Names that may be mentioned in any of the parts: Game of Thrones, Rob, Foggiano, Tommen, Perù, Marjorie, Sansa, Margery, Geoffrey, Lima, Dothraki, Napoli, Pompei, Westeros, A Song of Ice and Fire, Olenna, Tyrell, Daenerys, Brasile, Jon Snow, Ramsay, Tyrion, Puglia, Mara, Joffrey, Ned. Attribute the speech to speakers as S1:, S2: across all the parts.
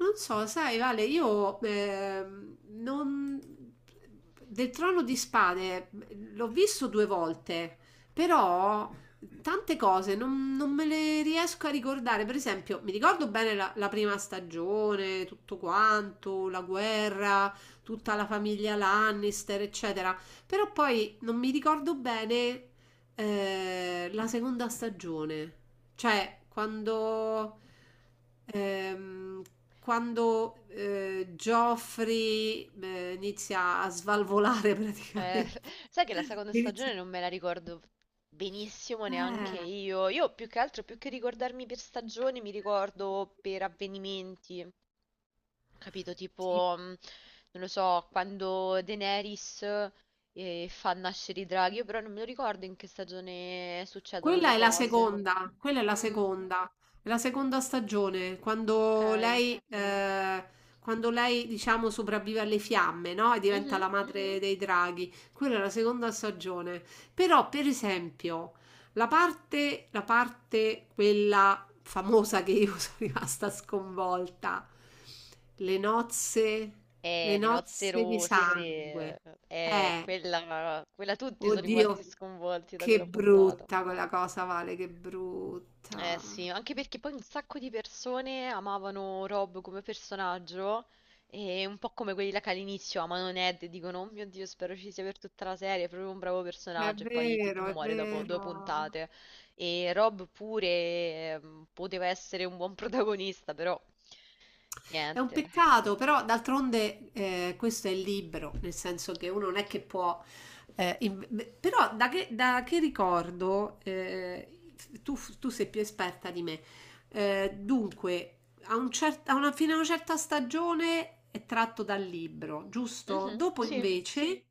S1: Non so, sai, Vale, io non... del Trono di Spade l'ho visto due volte, però tante cose non me le riesco a ricordare. Per esempio, mi ricordo bene la prima stagione, tutto quanto, la guerra, tutta la famiglia Lannister, eccetera, però poi non mi ricordo bene la seconda stagione. Cioè, ehm, quando Joffrey inizia a svalvolare
S2: Eh,
S1: praticamente.
S2: sai che la seconda stagione
S1: Inizia-
S2: non me la ricordo benissimo neanche
S1: Eh.
S2: io. Io più che altro, più che ricordarmi per stagioni, mi ricordo per avvenimenti, capito?
S1: Sì.
S2: Tipo, non lo so, quando Daenerys fa nascere i draghi, io però non me lo ricordo in che stagione succedono le
S1: Quella è la
S2: cose.
S1: seconda,
S2: Mm,
S1: è la seconda stagione,
S2: ok.
S1: quando lei, diciamo, sopravvive alle fiamme, no? E diventa
S2: Mhm.
S1: la madre dei draghi. Quella è la seconda stagione. Però, per esempio, la parte, quella famosa che io sono rimasta sconvolta, le nozze, le
S2: Le nozze
S1: nozze di
S2: rosse,
S1: sangue. Eh,
S2: quella, quella, tutti sono rimasti
S1: Oddio,
S2: sconvolti da
S1: che
S2: quella puntata.
S1: brutta quella cosa, Vale, che
S2: Eh
S1: brutta.
S2: sì, anche perché poi un sacco di persone amavano Rob come personaggio e un po' come quelli là che all'inizio amano Ned e dicono, oh mio Dio, spero ci sia per tutta la serie, è proprio un bravo
S1: È
S2: personaggio e poi tipo
S1: vero, è
S2: muore dopo due
S1: vero.
S2: puntate. E Rob pure poteva essere un buon protagonista, però
S1: È un
S2: niente.
S1: peccato, però d'altronde questo è il libro, nel senso che uno non è che può. Beh, però da che ricordo, tu sei più esperta di me, dunque, a un cer- a una- fino a una certa stagione è tratto dal libro, giusto?
S2: Mhm,
S1: Dopo
S2: sì.
S1: invece,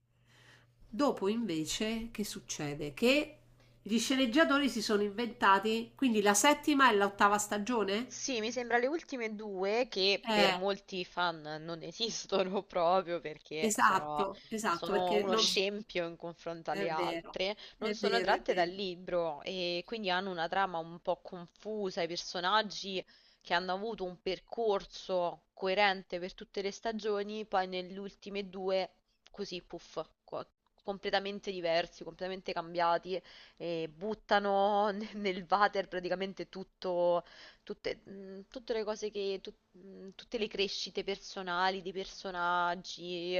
S1: dopo invece, che succede? Che gli sceneggiatori si sono inventati, quindi la settima e l'ottava stagione?
S2: Sì, mi sembra le ultime due che per molti fan non esistono proprio perché
S1: Esatto, esatto,
S2: sono
S1: perché
S2: uno
S1: non... s-
S2: scempio in confronto alle
S1: È vero,
S2: altre, non
S1: è
S2: sono
S1: vero, è
S2: tratte dal
S1: vero.
S2: libro e quindi hanno una trama un po' confusa, i personaggi che hanno avuto un percorso coerente per tutte le stagioni, poi nelle ultime due così, puff, completamente diversi, completamente cambiati e buttano nel nel water praticamente tutto tutte le cose che, tutte le crescite personali dei personaggi,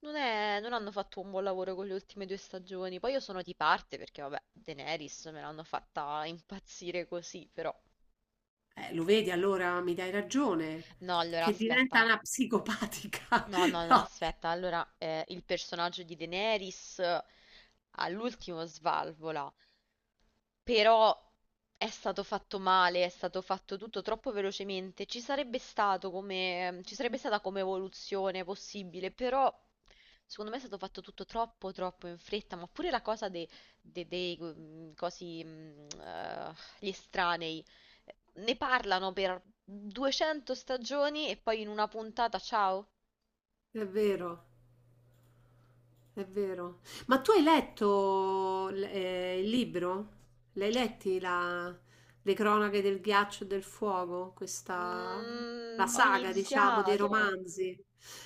S2: non hanno fatto un buon lavoro con le ultime due stagioni. Poi io sono di parte perché, vabbè, Daenerys me l'hanno fatta impazzire così, però.
S1: Lo vedi allora, mi dai ragione,
S2: No, allora
S1: che
S2: aspetta.
S1: diventa una psicopatica.
S2: No, no, no,
S1: No,
S2: aspetta. Allora, il personaggio di Daenerys all'ultimo svalvola. Però è stato fatto male, è stato fatto tutto troppo velocemente. Ci sarebbe stata come evoluzione possibile, però secondo me è stato fatto tutto troppo in fretta. Ma pure la cosa dei cosi, gli estranei, ne parlano per 200 stagioni e poi in una puntata, ciao.
S1: è vero. È vero. Ma tu hai letto il libro? L'hai letti le cronache del ghiaccio e del fuoco? Questa, la
S2: Mm, ho
S1: saga, diciamo, dei
S2: iniziato.
S1: romanzi.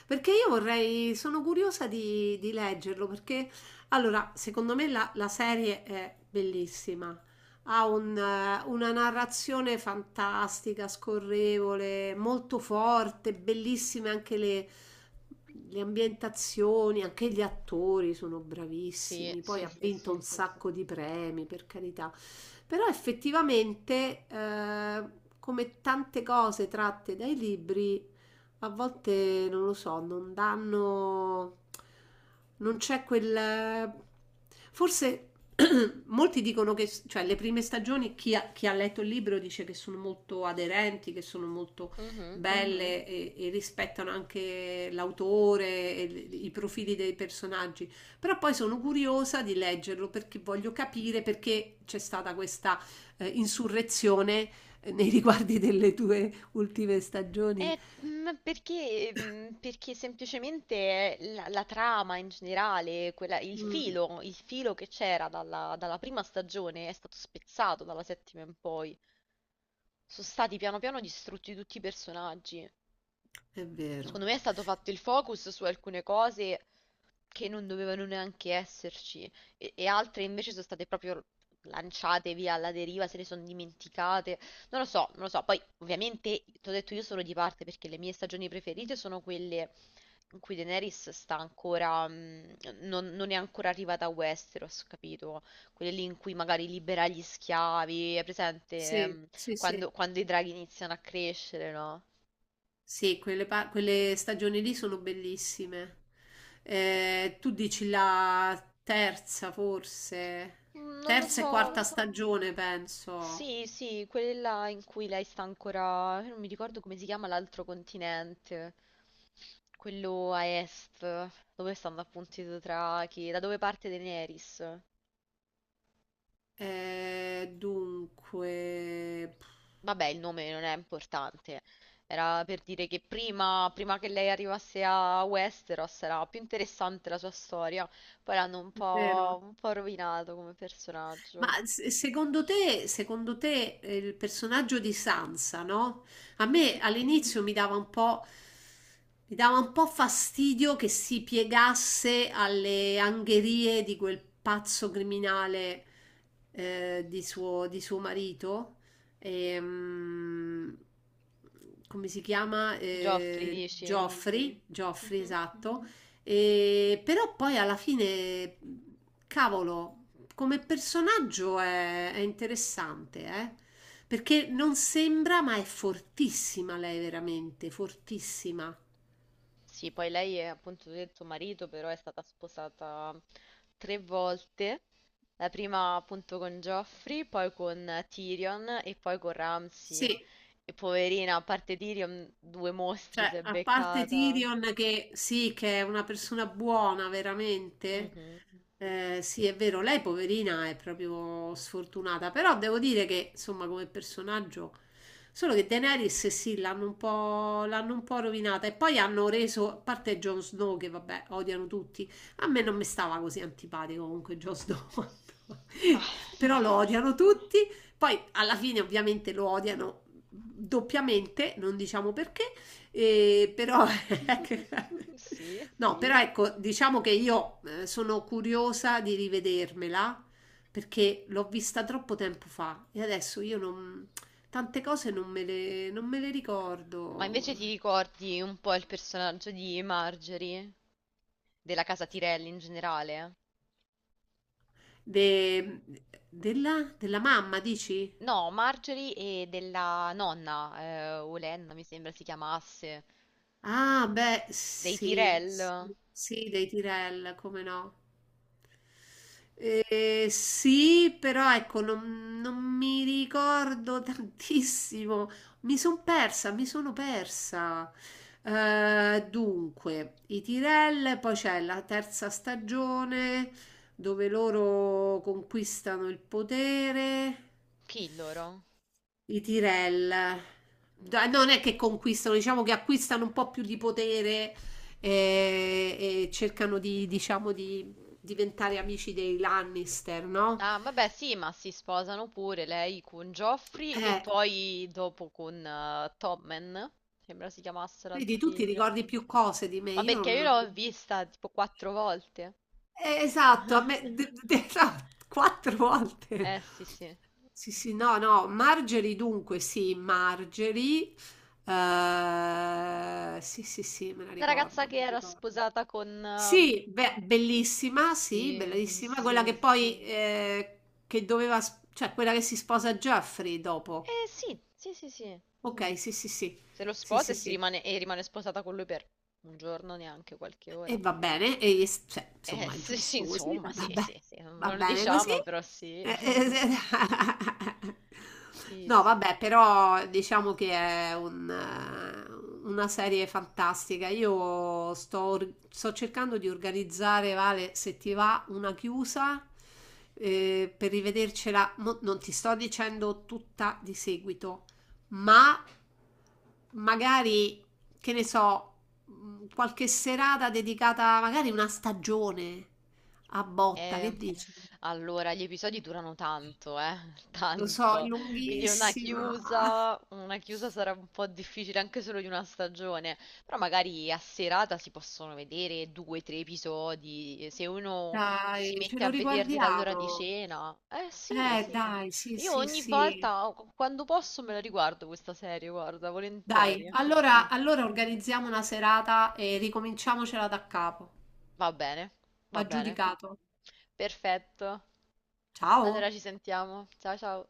S1: Perché io vorrei, sono curiosa di leggerlo, perché allora, secondo me la serie è bellissima, ha una narrazione fantastica, scorrevole, molto forte, bellissime anche le ambientazioni, anche gli attori sono
S2: Sì,
S1: bravissimi. Poi
S2: sì,
S1: ha
S2: sì, sì.
S1: vinto un sacco di premi, per carità. Però effettivamente, come tante cose tratte dai libri, a volte non lo so, non danno, non c'è quel. Forse molti dicono che, cioè, le prime stagioni, chi ha letto il libro dice che sono molto aderenti, che sono molto
S2: Mhm.
S1: belle e rispettano anche l'autore e i profili dei personaggi. Però poi sono curiosa di leggerlo perché voglio capire perché c'è stata questa insurrezione nei riguardi delle tue ultime stagioni.
S2: Perché semplicemente la trama in generale, il
S1: Mm.
S2: il filo che c'era dalla prima stagione è stato spezzato dalla settima in poi, sono stati piano piano distrutti tutti i personaggi.
S1: È vero.
S2: Secondo me è stato fatto il focus su alcune cose che non dovevano neanche esserci e altre invece sono state proprio lanciate via alla deriva, se ne sono dimenticate. Non lo so, non lo so. Poi, ovviamente, ti ho detto io sono di parte perché le mie stagioni preferite sono quelle in cui Daenerys sta ancora, non è ancora arrivata a Westeros, capito? Quelle lì in cui magari libera gli schiavi, è presente?
S1: Sì,
S2: ehm,
S1: sì, sì.
S2: quando, quando i draghi iniziano a crescere, no?
S1: Sì, quelle stagioni lì sono bellissime. Tu dici la terza, forse?
S2: Mm, non lo
S1: Terza e
S2: so.
S1: quarta stagione, penso.
S2: Sì, sì, quella in cui lei sta ancora. Io non mi ricordo come si chiama l'altro continente. Quello a est, dove stanno appunto i Dothraki, da dove parte Daenerys.
S1: Dunque.
S2: Vabbè, il nome non è importante. Era per dire che prima, prima che lei arrivasse a Westeros era più interessante la sua storia. Poi l'hanno
S1: È vero.
S2: un po' rovinato come
S1: Ma
S2: personaggio.
S1: secondo te, secondo te, il personaggio di Sansa, no? A me
S2: Mhm.
S1: all'inizio mi dava un po' fastidio che si piegasse alle angherie di quel pazzo criminale, di suo marito. Ehm, come si chiama?
S2: Geoffrey dici?
S1: Geoffrey, Geoffrey,
S2: Mhm.
S1: esatto. Però poi alla fine, cavolo, come personaggio è interessante, eh? Perché non sembra, ma è fortissima lei veramente, fortissima.
S2: Sì, poi lei è appunto tu hai detto marito, però è stata sposata tre volte. La prima appunto con Geoffrey, poi con Tyrion e poi con Ramsay.
S1: Sì,
S2: E poverina, a parte Tyrion, due mostri si
S1: cioè,
S2: è
S1: a parte
S2: beccata.
S1: Tyrion che sì, che è una persona buona veramente,
S2: Mhm.
S1: sì, è vero, lei poverina è proprio sfortunata, però devo dire che, insomma, come personaggio, solo che Daenerys eh sì, l'hanno un po' rovinata e poi hanno reso, a parte Jon Snow che vabbè, odiano tutti, a me non mi stava così antipatico comunque Jon Snow,
S2: Ma,
S1: però lo
S2: ma.
S1: odiano tutti, poi alla fine ovviamente lo odiano doppiamente, non diciamo perché. E però,
S2: Sì.
S1: no, però ecco, diciamo che io sono curiosa di rivedermela perché l'ho vista troppo tempo fa e adesso io non, tante cose non me le
S2: Ma
S1: ricordo.
S2: invece ti ricordi un po' il personaggio di Marjorie, della casa Tyrell in generale?
S1: De- della, della mamma, dici?
S2: No, Marjorie e della nonna, Olenna mi sembra si chiamasse,
S1: Ah, beh,
S2: dei
S1: sì,
S2: Tyrell,
S1: sì, sì, dei Tirel, come no? Sì, però ecco, non mi ricordo tantissimo. Mi sono persa, mi sono persa. Dunque, i Tyrell, poi c'è la terza stagione dove loro conquistano il potere.
S2: chi loro?
S1: I Tyrell non è che conquistano, diciamo che acquistano un po' più di potere, eh, e cercano di, diciamo, di diventare amici dei Lannister, no?
S2: Ah, vabbè, sì, ma si sposano pure lei con Joffrey e
S1: Eh,
S2: poi dopo con Tommen, sembra si chiamasse l'altro
S1: vedi, tu ti
S2: figlio.
S1: ricordi più cose di me,
S2: Ma
S1: io
S2: perché io
S1: non.
S2: l'ho vista tipo quattro volte.
S1: Esatto, a me, no, quattro volte.
S2: Eh sì, sì.
S1: Sì, sì, no, no, Margery dunque, sì, Margery. Sì, sì, sì, me la
S2: La ragazza
S1: ricordo, me
S2: che
S1: la
S2: era
S1: ricordo.
S2: sposata con...
S1: Sì, beh, bellissima, sì,
S2: Sì,
S1: bellissima, quella che
S2: sì.
S1: poi, che doveva, cioè quella che si sposa Jeffrey dopo.
S2: Eh sì, sì, sì, sì.
S1: Ok, sì, sì, sì,
S2: Se lo
S1: sì,
S2: sposa
S1: sì,
S2: e, si
S1: sì.
S2: rimane, e rimane sposata con lui per un giorno, neanche qualche ora.
S1: E va bene, cioè, insomma, è
S2: Sì, sì,
S1: giusto così,
S2: insomma,
S1: va
S2: sì,
S1: va
S2: sì,
S1: bene,
S2: sì,
S1: va
S2: non lo
S1: bene così.
S2: diciamo, però sì.
S1: Eh, eh, se-
S2: Sì,
S1: No,
S2: sì.
S1: vabbè, però diciamo che è una serie fantastica. Io sto cercando di organizzare, Vale, se ti va, una chiusa, per rivedercela. Non ti sto dicendo tutta di seguito, ma magari che ne so, qualche serata dedicata magari una stagione a botta,
S2: Eh,
S1: che dici?
S2: allora, gli episodi durano tanto,
S1: Lo so, è
S2: tanto. Quindi
S1: lunghissima.
S2: una chiusa sarà un po' difficile anche solo di una stagione. Però magari a serata si possono vedere due, tre episodi. Se uno si
S1: Dai, ce
S2: mette
S1: lo
S2: a vederli dall'ora di
S1: riguardiamo.
S2: cena. Eh sì,
S1: Eh,
S2: sì.
S1: dai, sì,
S2: Io
S1: sì,
S2: ogni
S1: sì.
S2: volta, o- quando posso, me la riguardo questa serie, guarda,
S1: Dai,
S2: volentieri.
S1: allora, allora organizziamo una serata e ricominciamocela da capo.
S2: Va bene, va bene.
S1: Aggiudicato.
S2: Perfetto.
S1: Ciao.
S2: Allora ci sentiamo. Ciao ciao.